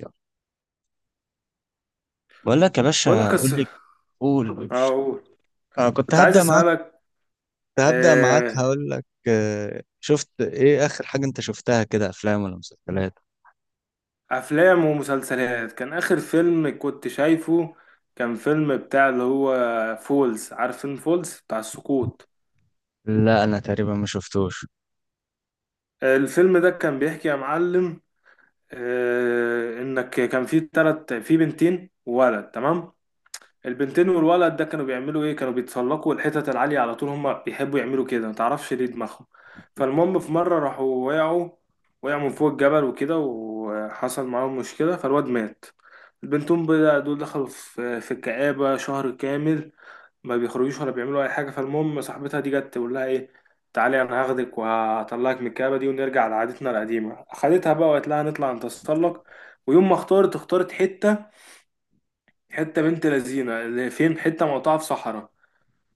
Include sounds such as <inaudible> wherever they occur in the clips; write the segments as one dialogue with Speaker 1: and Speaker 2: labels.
Speaker 1: يلا. بقول لك يا
Speaker 2: بقول لك
Speaker 1: باشا، قول
Speaker 2: قصة.
Speaker 1: لي. قول قول.
Speaker 2: أقول،
Speaker 1: أنا
Speaker 2: كنت عايز أسألك.
Speaker 1: كنت هبدأ معاك
Speaker 2: آه،
Speaker 1: هقول لك، شفت إيه آخر حاجة أنت شفتها كده، أفلام ولا مسلسلات؟
Speaker 2: أفلام ومسلسلات. كان آخر فيلم كنت شايفه كان فيلم بتاع اللي هو فولز. عارف فيلم فولز بتاع السقوط؟
Speaker 1: لا، أنا تقريبا ما شفتوش.
Speaker 2: الفيلم ده كان بيحكي يا معلم، إنك كان في بنتين وولد، تمام. البنتين والولد ده كانوا بيعملوا ايه؟ كانوا بيتسلقوا الحتت العالية على طول، هما بيحبوا يعملوا كده، متعرفش ليه دماغهم. فالمهم في مرة راحوا وقعوا، وقعوا من فوق الجبل وكده، وحصل معاهم مشكلة، فالواد مات. البنتين بقى دول دخلوا في الكآبة شهر كامل، ما بيخرجوش ولا بيعملوا أي حاجة. فالمهم صاحبتها دي جت تقول لها ايه: تعالي أنا هاخدك وهطلعك من الكآبة دي ونرجع لعادتنا القديمة. أخدتها بقى وقالت لها نطلع نتسلق. ويوم ما اختارت، اختارت حته بنت لذينه اللي فين، حته مقطعه في صحراء.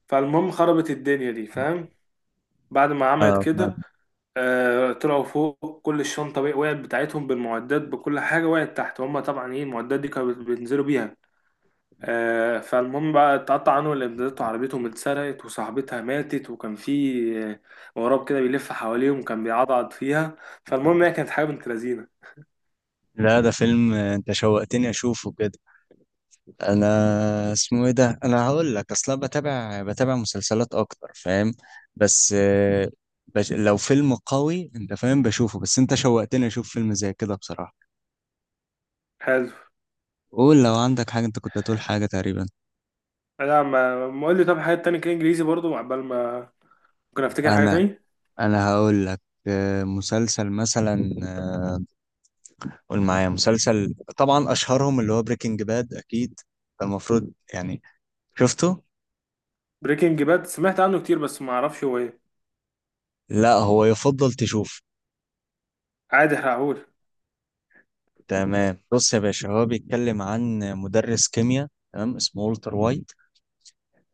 Speaker 2: فالمهم خربت الدنيا دي، فاهم؟ بعد ما عملت
Speaker 1: آه ما-
Speaker 2: كده، آه، طلعوا فوق، كل الشنطه وقعت بتاعتهم، بالمعدات بكل حاجه وقعت تحت، هما طبعا ايه المعدات دي كانوا بينزلوا بيها. آه، فالمهم بقى اتقطع عنهم الامدادات وعربيتهم اتسرقت وصاحبتها ماتت، وكان في غراب كده بيلف حواليهم، كان بيعضعض فيها. فالمهم هي كانت حاجه بنت لذينه.
Speaker 1: لا ده فيلم، أنت شوقتني أشوفه كده. أنا اسمه إيه ده؟ أنا هقول لك أصلا بتابع مسلسلات أكتر، فاهم. بس آه، لو فيلم قوي أنت فاهم بشوفه، بس أنت شوقتني أشوف فيلم زي كده بصراحة.
Speaker 2: حلو.
Speaker 1: قول لو عندك حاجة، أنت كنت هتقول حاجة تقريبا.
Speaker 2: لا، ما ما قول لي. طب حاجه تانية كده انجليزي برضو، عقبال ما ممكن افتكر حاجه
Speaker 1: انا
Speaker 2: تاني.
Speaker 1: انا هقول لك، مسلسل مثلا، قول معايا مسلسل. طبعا اشهرهم اللي هو بريكنج باد اكيد، فالمفروض يعني شفته.
Speaker 2: بريكنج باد؟ سمعت عنه كتير بس ما اعرفش هو ايه.
Speaker 1: لا، هو يفضل تشوف.
Speaker 2: عادي، هقول.
Speaker 1: تمام، بص يا باشا، هو بيتكلم عن مدرس كيمياء، تمام، اسمه والتر وايت.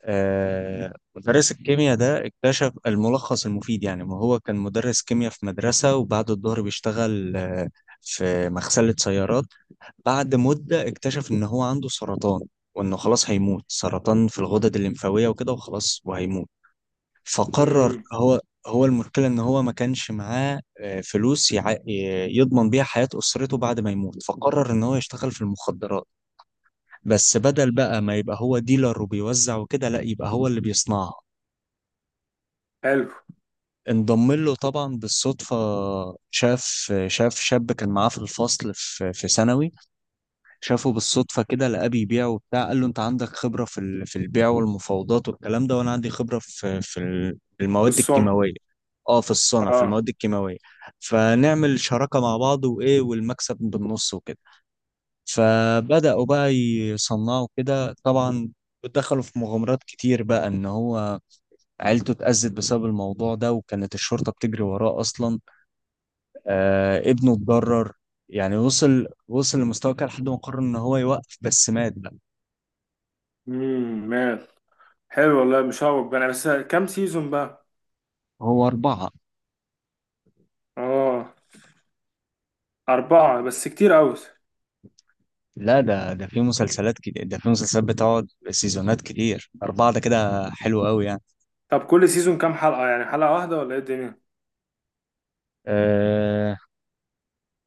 Speaker 1: مدرس الكيمياء ده اكتشف الملخص المفيد. يعني ما هو كان مدرس كيمياء في مدرسة، وبعد الظهر بيشتغل في مغسلة سيارات. بعد مدة اكتشف إن هو عنده سرطان، وإنه خلاص هيموت، سرطان في الغدد الليمفاوية وكده، وخلاص وهيموت. فقرر
Speaker 2: امم.
Speaker 1: هو المشكلة إن هو ما كانش معاه فلوس يضمن بيها حياة أسرته بعد ما يموت، فقرر إن هو يشتغل في المخدرات. بس بدل بقى ما يبقى هو ديلر وبيوزع وكده، لا، يبقى هو اللي بيصنعها.
Speaker 2: حلو.
Speaker 1: انضم له طبعا بالصدفة. شاف شاب كان معاه في الفصل في ثانوي. شافه بالصدفة كده، لقاه بيبيع وبتاع. قال له انت عندك خبرة في في البيع والمفاوضات والكلام ده، وانا عندي خبرة في
Speaker 2: في
Speaker 1: المواد
Speaker 2: الصنع.
Speaker 1: الكيماوية. اه، في الصنع، في
Speaker 2: اه.
Speaker 1: المواد الكيماوية. فنعمل شراكة مع بعض، وايه والمكسب بالنص وكده. فبدأوا بقى يصنعوا كده طبعا، ودخلوا في مغامرات كتير. بقى ان هو عيلته اتأذت بسبب الموضوع ده، وكانت الشرطة بتجري وراه اصلا. ابنه اتضرر يعني، وصل لمستوى كده لحد ما قرر ان هو يوقف، بس مات بقى.
Speaker 2: مال. حلو والله. مش هقول انا، بس كام سيزون بقى؟
Speaker 1: هو 4.
Speaker 2: اه. 4 بس كتير قوي.
Speaker 1: لا، ده في مسلسلات كده، ده في مسلسلات بتقعد سيزونات كتير، 4 ده كده حلو أوي يعني.
Speaker 2: طب كل سيزون كام حلقة يعني؟ حلقة واحدة ولا ايه الدنيا؟
Speaker 1: أه،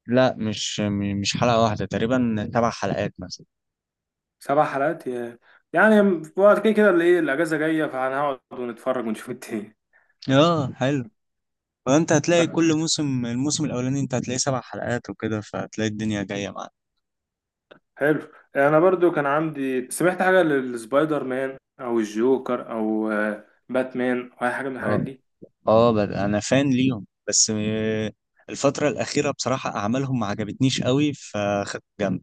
Speaker 1: لا، مش مش حلقة واحدة، تقريبا 7 حلقات مثلا.
Speaker 2: 7 حلقات؟ يعني في وقت، كده كده اللي ايه الأجازة جاية، فهنقعد ونتفرج ونشوف التاني.
Speaker 1: اه، حلو. فأنت هتلاقي كل الموسم الأولاني أنت هتلاقي 7 حلقات وكده، فهتلاقي الدنيا جاية معاك.
Speaker 2: حلو. أنا برضو كان عندي، سمعت حاجة للسبايدر مان أو الجوكر أو باتمان أو أي حاجة من الحاجات
Speaker 1: اه.
Speaker 2: دي.
Speaker 1: اه، أنا فان ليهم، بس آه، الفترة الأخيرة بصراحة أعمالهم ما عجبتنيش أوي فخدت جنب.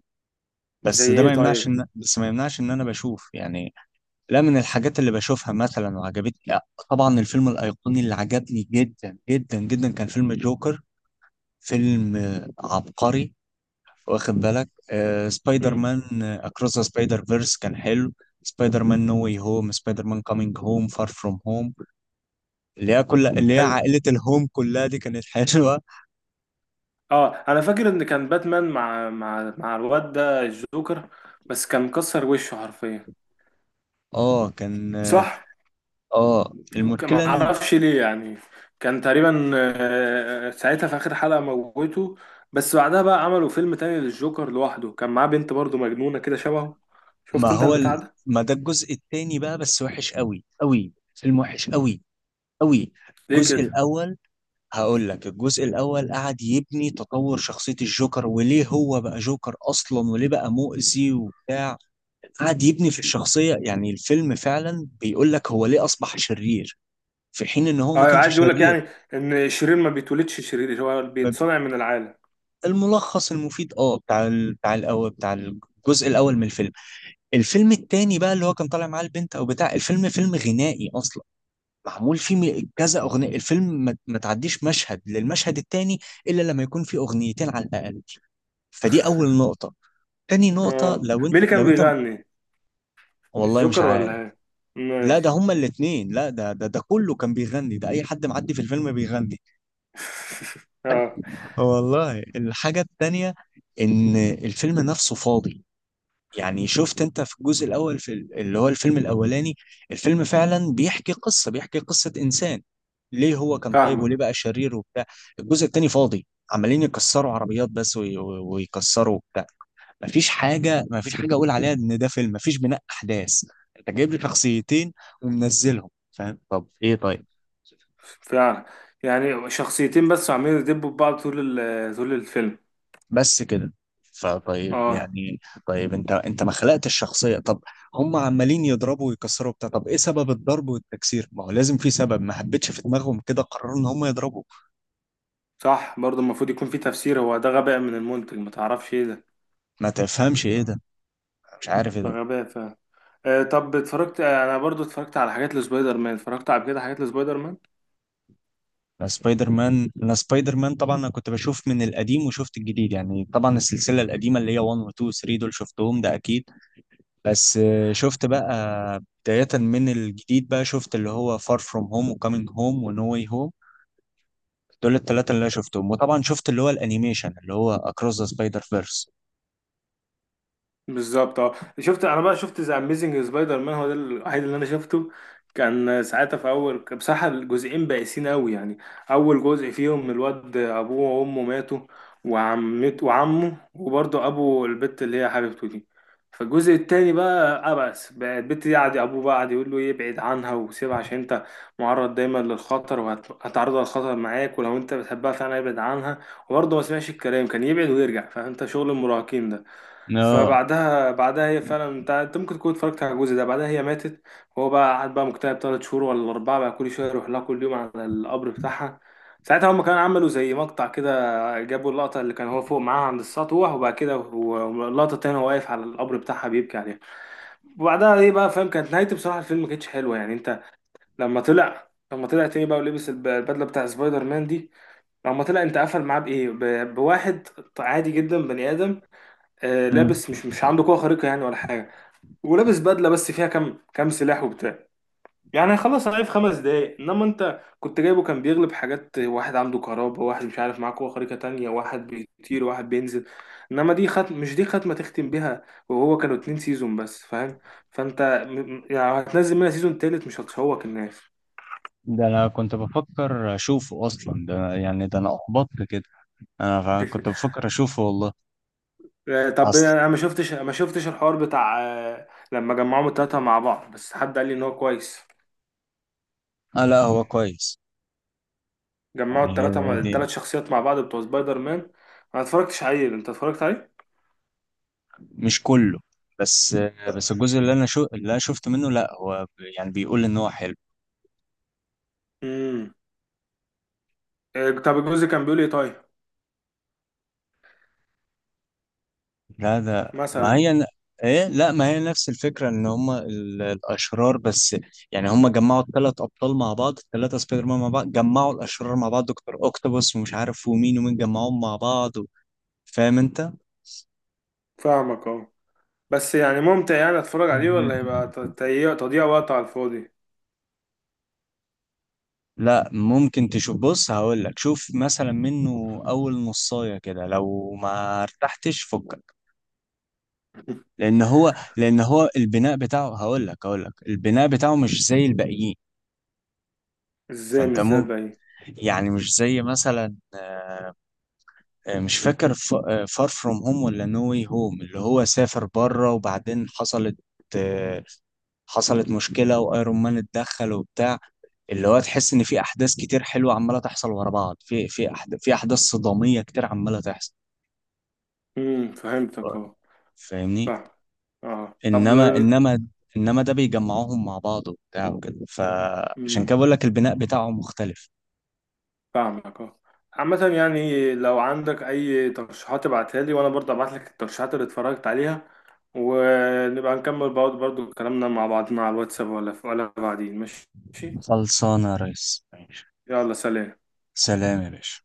Speaker 2: زي ايه طيب؟
Speaker 1: بس ما يمنعش إن أنا بشوف يعني. لا، من الحاجات اللي بشوفها مثلا وعجبتني، لا، طبعا الفيلم الأيقوني اللي عجبني جدا جدا جدا كان فيلم جوكر. فيلم عبقري. واخد بالك، سبايدر مان أكروس ذا سبايدر فيرس كان حلو. سبايدر مان نو واي هوم، سبايدر مان كامينج هوم، فار فروم هوم، اللي هي كل اللي هي
Speaker 2: حلو.
Speaker 1: عائلة الهوم كلها دي كانت حلوة.
Speaker 2: اه، انا فاكر ان كان باتمان مع الواد ده الجوكر. بس كان مكسر وشه حرفيا.
Speaker 1: اه، كان،
Speaker 2: صح.
Speaker 1: المشكلة
Speaker 2: ما
Speaker 1: إن
Speaker 2: اعرفش ليه يعني. كان تقريبا ساعتها في اخر حلقة موته. بس بعدها بقى عملوا فيلم تاني للجوكر لوحده، كان معاه بنت برضه مجنونة كده شبهه. شفت
Speaker 1: ما
Speaker 2: انت
Speaker 1: هو
Speaker 2: البتاع
Speaker 1: ال...
Speaker 2: ده؟
Speaker 1: ما ده الجزء التاني بقى، بس وحش قوي قوي، فيلم وحش قوي قوي.
Speaker 2: ليه
Speaker 1: الجزء
Speaker 2: كده؟
Speaker 1: الأول هقول لك الجزء الاول قعد يبني تطور شخصيه الجوكر، وليه هو بقى جوكر اصلا، وليه بقى مؤذي وبتاع. قعد يبني في الشخصيه يعني، الفيلم فعلا بيقول لك هو ليه اصبح شرير، في حين ان هو ما
Speaker 2: اه،
Speaker 1: كانش
Speaker 2: عادي يقول لك
Speaker 1: شرير.
Speaker 2: يعني ان الشرير ما بيتولدش شرير، هو
Speaker 1: ما ب-
Speaker 2: بيتصنع من العالم.
Speaker 1: الملخص المفيد، بتاع الاول، بتاع الجزء الاول من الفيلم. الفيلم التاني بقى اللي هو كان طالع معاه البنت او بتاع، الفيلم فيلم غنائي اصلا، معمول فيه كذا اغنيه. الفيلم ما تعديش مشهد للمشهد التاني الا لما يكون فيه اغنيتين على الاقل. فدي اول نقطة. تاني نقطة،
Speaker 2: اه، مين اللي كان
Speaker 1: لو انت،
Speaker 2: بيغني؟
Speaker 1: والله مش
Speaker 2: الجوكر ولا
Speaker 1: عارف.
Speaker 2: ايه؟
Speaker 1: لا، ده
Speaker 2: ماشي.
Speaker 1: هما الاتنين. لا، ده كله كان بيغني، ده اي حد معدي في الفيلم بيغني.
Speaker 2: <laughs> اه.
Speaker 1: والله، الحاجة التانية ان الفيلم نفسه فاضي. يعني شفت انت في الجزء الاول في اللي هو الفيلم الاولاني، الفيلم فعلا بيحكي قصة انسان، ليه هو كان طيب وليه
Speaker 2: فاهمك.
Speaker 1: بقى شرير وبتاع. الجزء التاني فاضي، عمالين يكسروا عربيات بس ويكسروا وبتاع. مفيش حاجه اقول عليها ان ده فيلم، مفيش بناء احداث. انت جايب لي شخصيتين ومنزلهم، فاهم، طب ايه طيب.
Speaker 2: فعلا، يعني شخصيتين بس عمالين يدبوا في بعض طول طول الفيلم.
Speaker 1: بس كده. فطيب
Speaker 2: اه.
Speaker 1: يعني، طيب انت ما خلقتش الشخصيه، طب. هم عمالين يضربوا ويكسروا بتاع، طب ايه سبب الضرب والتكسير؟ ما هو لازم في سبب. ما حبيتش، في دماغهم كده قرروا ان هم يضربوا.
Speaker 2: صح، برضه المفروض يكون في تفسير. هو ده غباء من المنتج، ما تعرفش ايه ده.
Speaker 1: ما تفهمش ايه ده، مش عارف ايه
Speaker 2: ده
Speaker 1: ده.
Speaker 2: غباء فعلا. آه طب اتفرجت. آه، انا برضه اتفرجت على حاجات لسبايدر مان، اتفرجت على كده حاجات لسبايدر مان.
Speaker 1: انا سبايدر مان طبعا، انا كنت بشوف من القديم وشفت الجديد يعني. طبعا السلسله القديمه اللي هي 1 و 2 و 3 دول شفتهم ده اكيد. بس آه، شفت بقى بداية من الجديد بقى، شفت اللي هو فار فروم هوم وكامينج هوم ونو واي هوم، دول الثلاثة اللي أنا شفتهم. وطبعا شفت اللي هو الأنيميشن اللي هو أكروس ذا سبايدر فيرس.
Speaker 2: بالظبط. اه، شفت انا بقى، شفت ذا اميزنج سبايدر مان، هو ده الوحيد اللي انا شفته. كان ساعتها في اول، كان بصراحه الجزئين بائسين قوي يعني. اول جزء فيهم الواد ابوه وامه ماتوا، وعمته وعمه، وبرضه ابو البت اللي هي حبيبته دي. فالجزء التاني بقى عبس بقى، البت دي قعد ابوه بقى قعد يقول له يبعد عنها وسيبها عشان انت معرض دايما للخطر وهتعرضها للخطر معاك، ولو انت بتحبها فعلا ابعد عنها. وبرضه ما سمعش الكلام، كان يبعد ويرجع، فانت شغل المراهقين ده.
Speaker 1: اه.
Speaker 2: فبعدها، بعدها هي فعلا، انت ممكن تكون اتفرجت على الجزء ده، بعدها هي ماتت. وهو بقى قعد بقى مكتئب 3 شهور ولا 4 بقى، كل شويه يروح لها كل يوم على القبر بتاعها. ساعتها هم كانوا عملوا زي مقطع كده، جابوا اللقطه اللي كان هو فوق معاها عند السطوح، وبعد كده اللقطه التانيه هو واقف على القبر بتاعها بيبكي عليها. وبعدها ايه بقى، فاهم، كانت نهايته بصراحه الفيلم ما كانتش حلوه يعني. انت لما طلع تاني بقى ولبس البدله بتاع سبايدر مان دي، لما طلع انت قفل معاه بايه، بواحد عادي جدا بني ادم،
Speaker 1: مم.
Speaker 2: لابس، مش عنده قوة خارقة يعني ولا حاجة. ولابس بدلة بس فيها كام سلاح وبتاع. يعني هيخلص عليه في 5 دقايق، انما انت كنت جايبه كان بيغلب حاجات، واحد عنده كهرباء، واحد مش عارف معاه قوة خارقة تانية، واحد بيطير، واحد بينزل. انما دي خط، مش دي ختمة تختم بيها. وهو كانوا 2 سيزون بس، فاهم. فانت يعني هتنزل منها سيزون تالت، مش هتشوك الناس.
Speaker 1: ده انا كنت بفكر اشوفه اصلا، ده يعني ده انا احبطت كده. انا كنت
Speaker 2: <laughs>
Speaker 1: بفكر اشوفه والله.
Speaker 2: آه، طب
Speaker 1: أصلا،
Speaker 2: انا ما شفتش الحوار بتاع، آه، لما جمعوهم التلاتة مع بعض. بس حد قال لي ان هو كويس.
Speaker 1: آه، لا هو كويس.
Speaker 2: جمعوا
Speaker 1: يعني
Speaker 2: التلاتة مع...
Speaker 1: هي دي.
Speaker 2: 3 شخصيات مع بعض بتوع سبايدر مان. انا ما اتفرجتش عليه، انت اتفرجت عليه؟
Speaker 1: مش كله، بس الجزء اللي أنا اللي أنا شفت منه، لا هو يعني بيقول إن هو حلو.
Speaker 2: امم. إيه، طب الجزء كان بيقول ايه طيب؟
Speaker 1: لا، ده ما
Speaker 2: مثلا.
Speaker 1: هي ايه، لا، ما هي نفس الفكره ان هم الاشرار بس. يعني هم جمعوا الثلاث ابطال مع بعض، الثلاثه سبايدر مان مع بعض، جمعوا الاشرار مع بعض، دكتور اوكتوبوس ومش عارف ومين ومين، جمعوهم مع بعض و... فاهم انت.
Speaker 2: فاهمك. اه. بس يعني ممتع يعني، اتفرج عليه
Speaker 1: مهم.
Speaker 2: ولا يبقى تضييع وقت على الفاضي؟
Speaker 1: لا، ممكن تشوف. بص هقول لك، شوف مثلا منه اول نصايه كده، لو ما ارتحتش فكك.
Speaker 2: <laughs>
Speaker 1: لان هو البناء بتاعه، هقول لك البناء بتاعه مش زي الباقيين.
Speaker 2: ازاي
Speaker 1: فانت
Speaker 2: مش زي الباقيين؟
Speaker 1: يعني مش زي مثلا، مش فاكر فار فروم هوم ولا نو واي هوم، اللي هو سافر بره وبعدين حصلت، آه، حصلت مشكلة وايرون مان اتدخل وبتاع. اللي هو تحس ان في احداث كتير حلوة عمالة تحصل ورا بعض، في احداث صدامية كتير عمالة تحصل.
Speaker 2: امم، فهمتك. اه.
Speaker 1: فاهمني.
Speaker 2: فاهم. اه، طب.
Speaker 1: انما انما انما ده بيجمعوهم مع بعض وبتاع وكده، فعشان كده
Speaker 2: امم.
Speaker 1: بقول لك البناء بتاعهم مختلف.
Speaker 2: فاهمك. اه. عامة يعني، لو عندك أي ترشيحات ابعتها لي وأنا برضه أبعت لك الترشيحات اللي اتفرجت عليها، ونبقى نكمل برضه كلامنا مع بعضنا على الواتساب ولا بعدين، ماشي؟
Speaker 1: خلصانة يا ريس، ماشي.
Speaker 2: يلا، سلام.
Speaker 1: سلام يا باشا.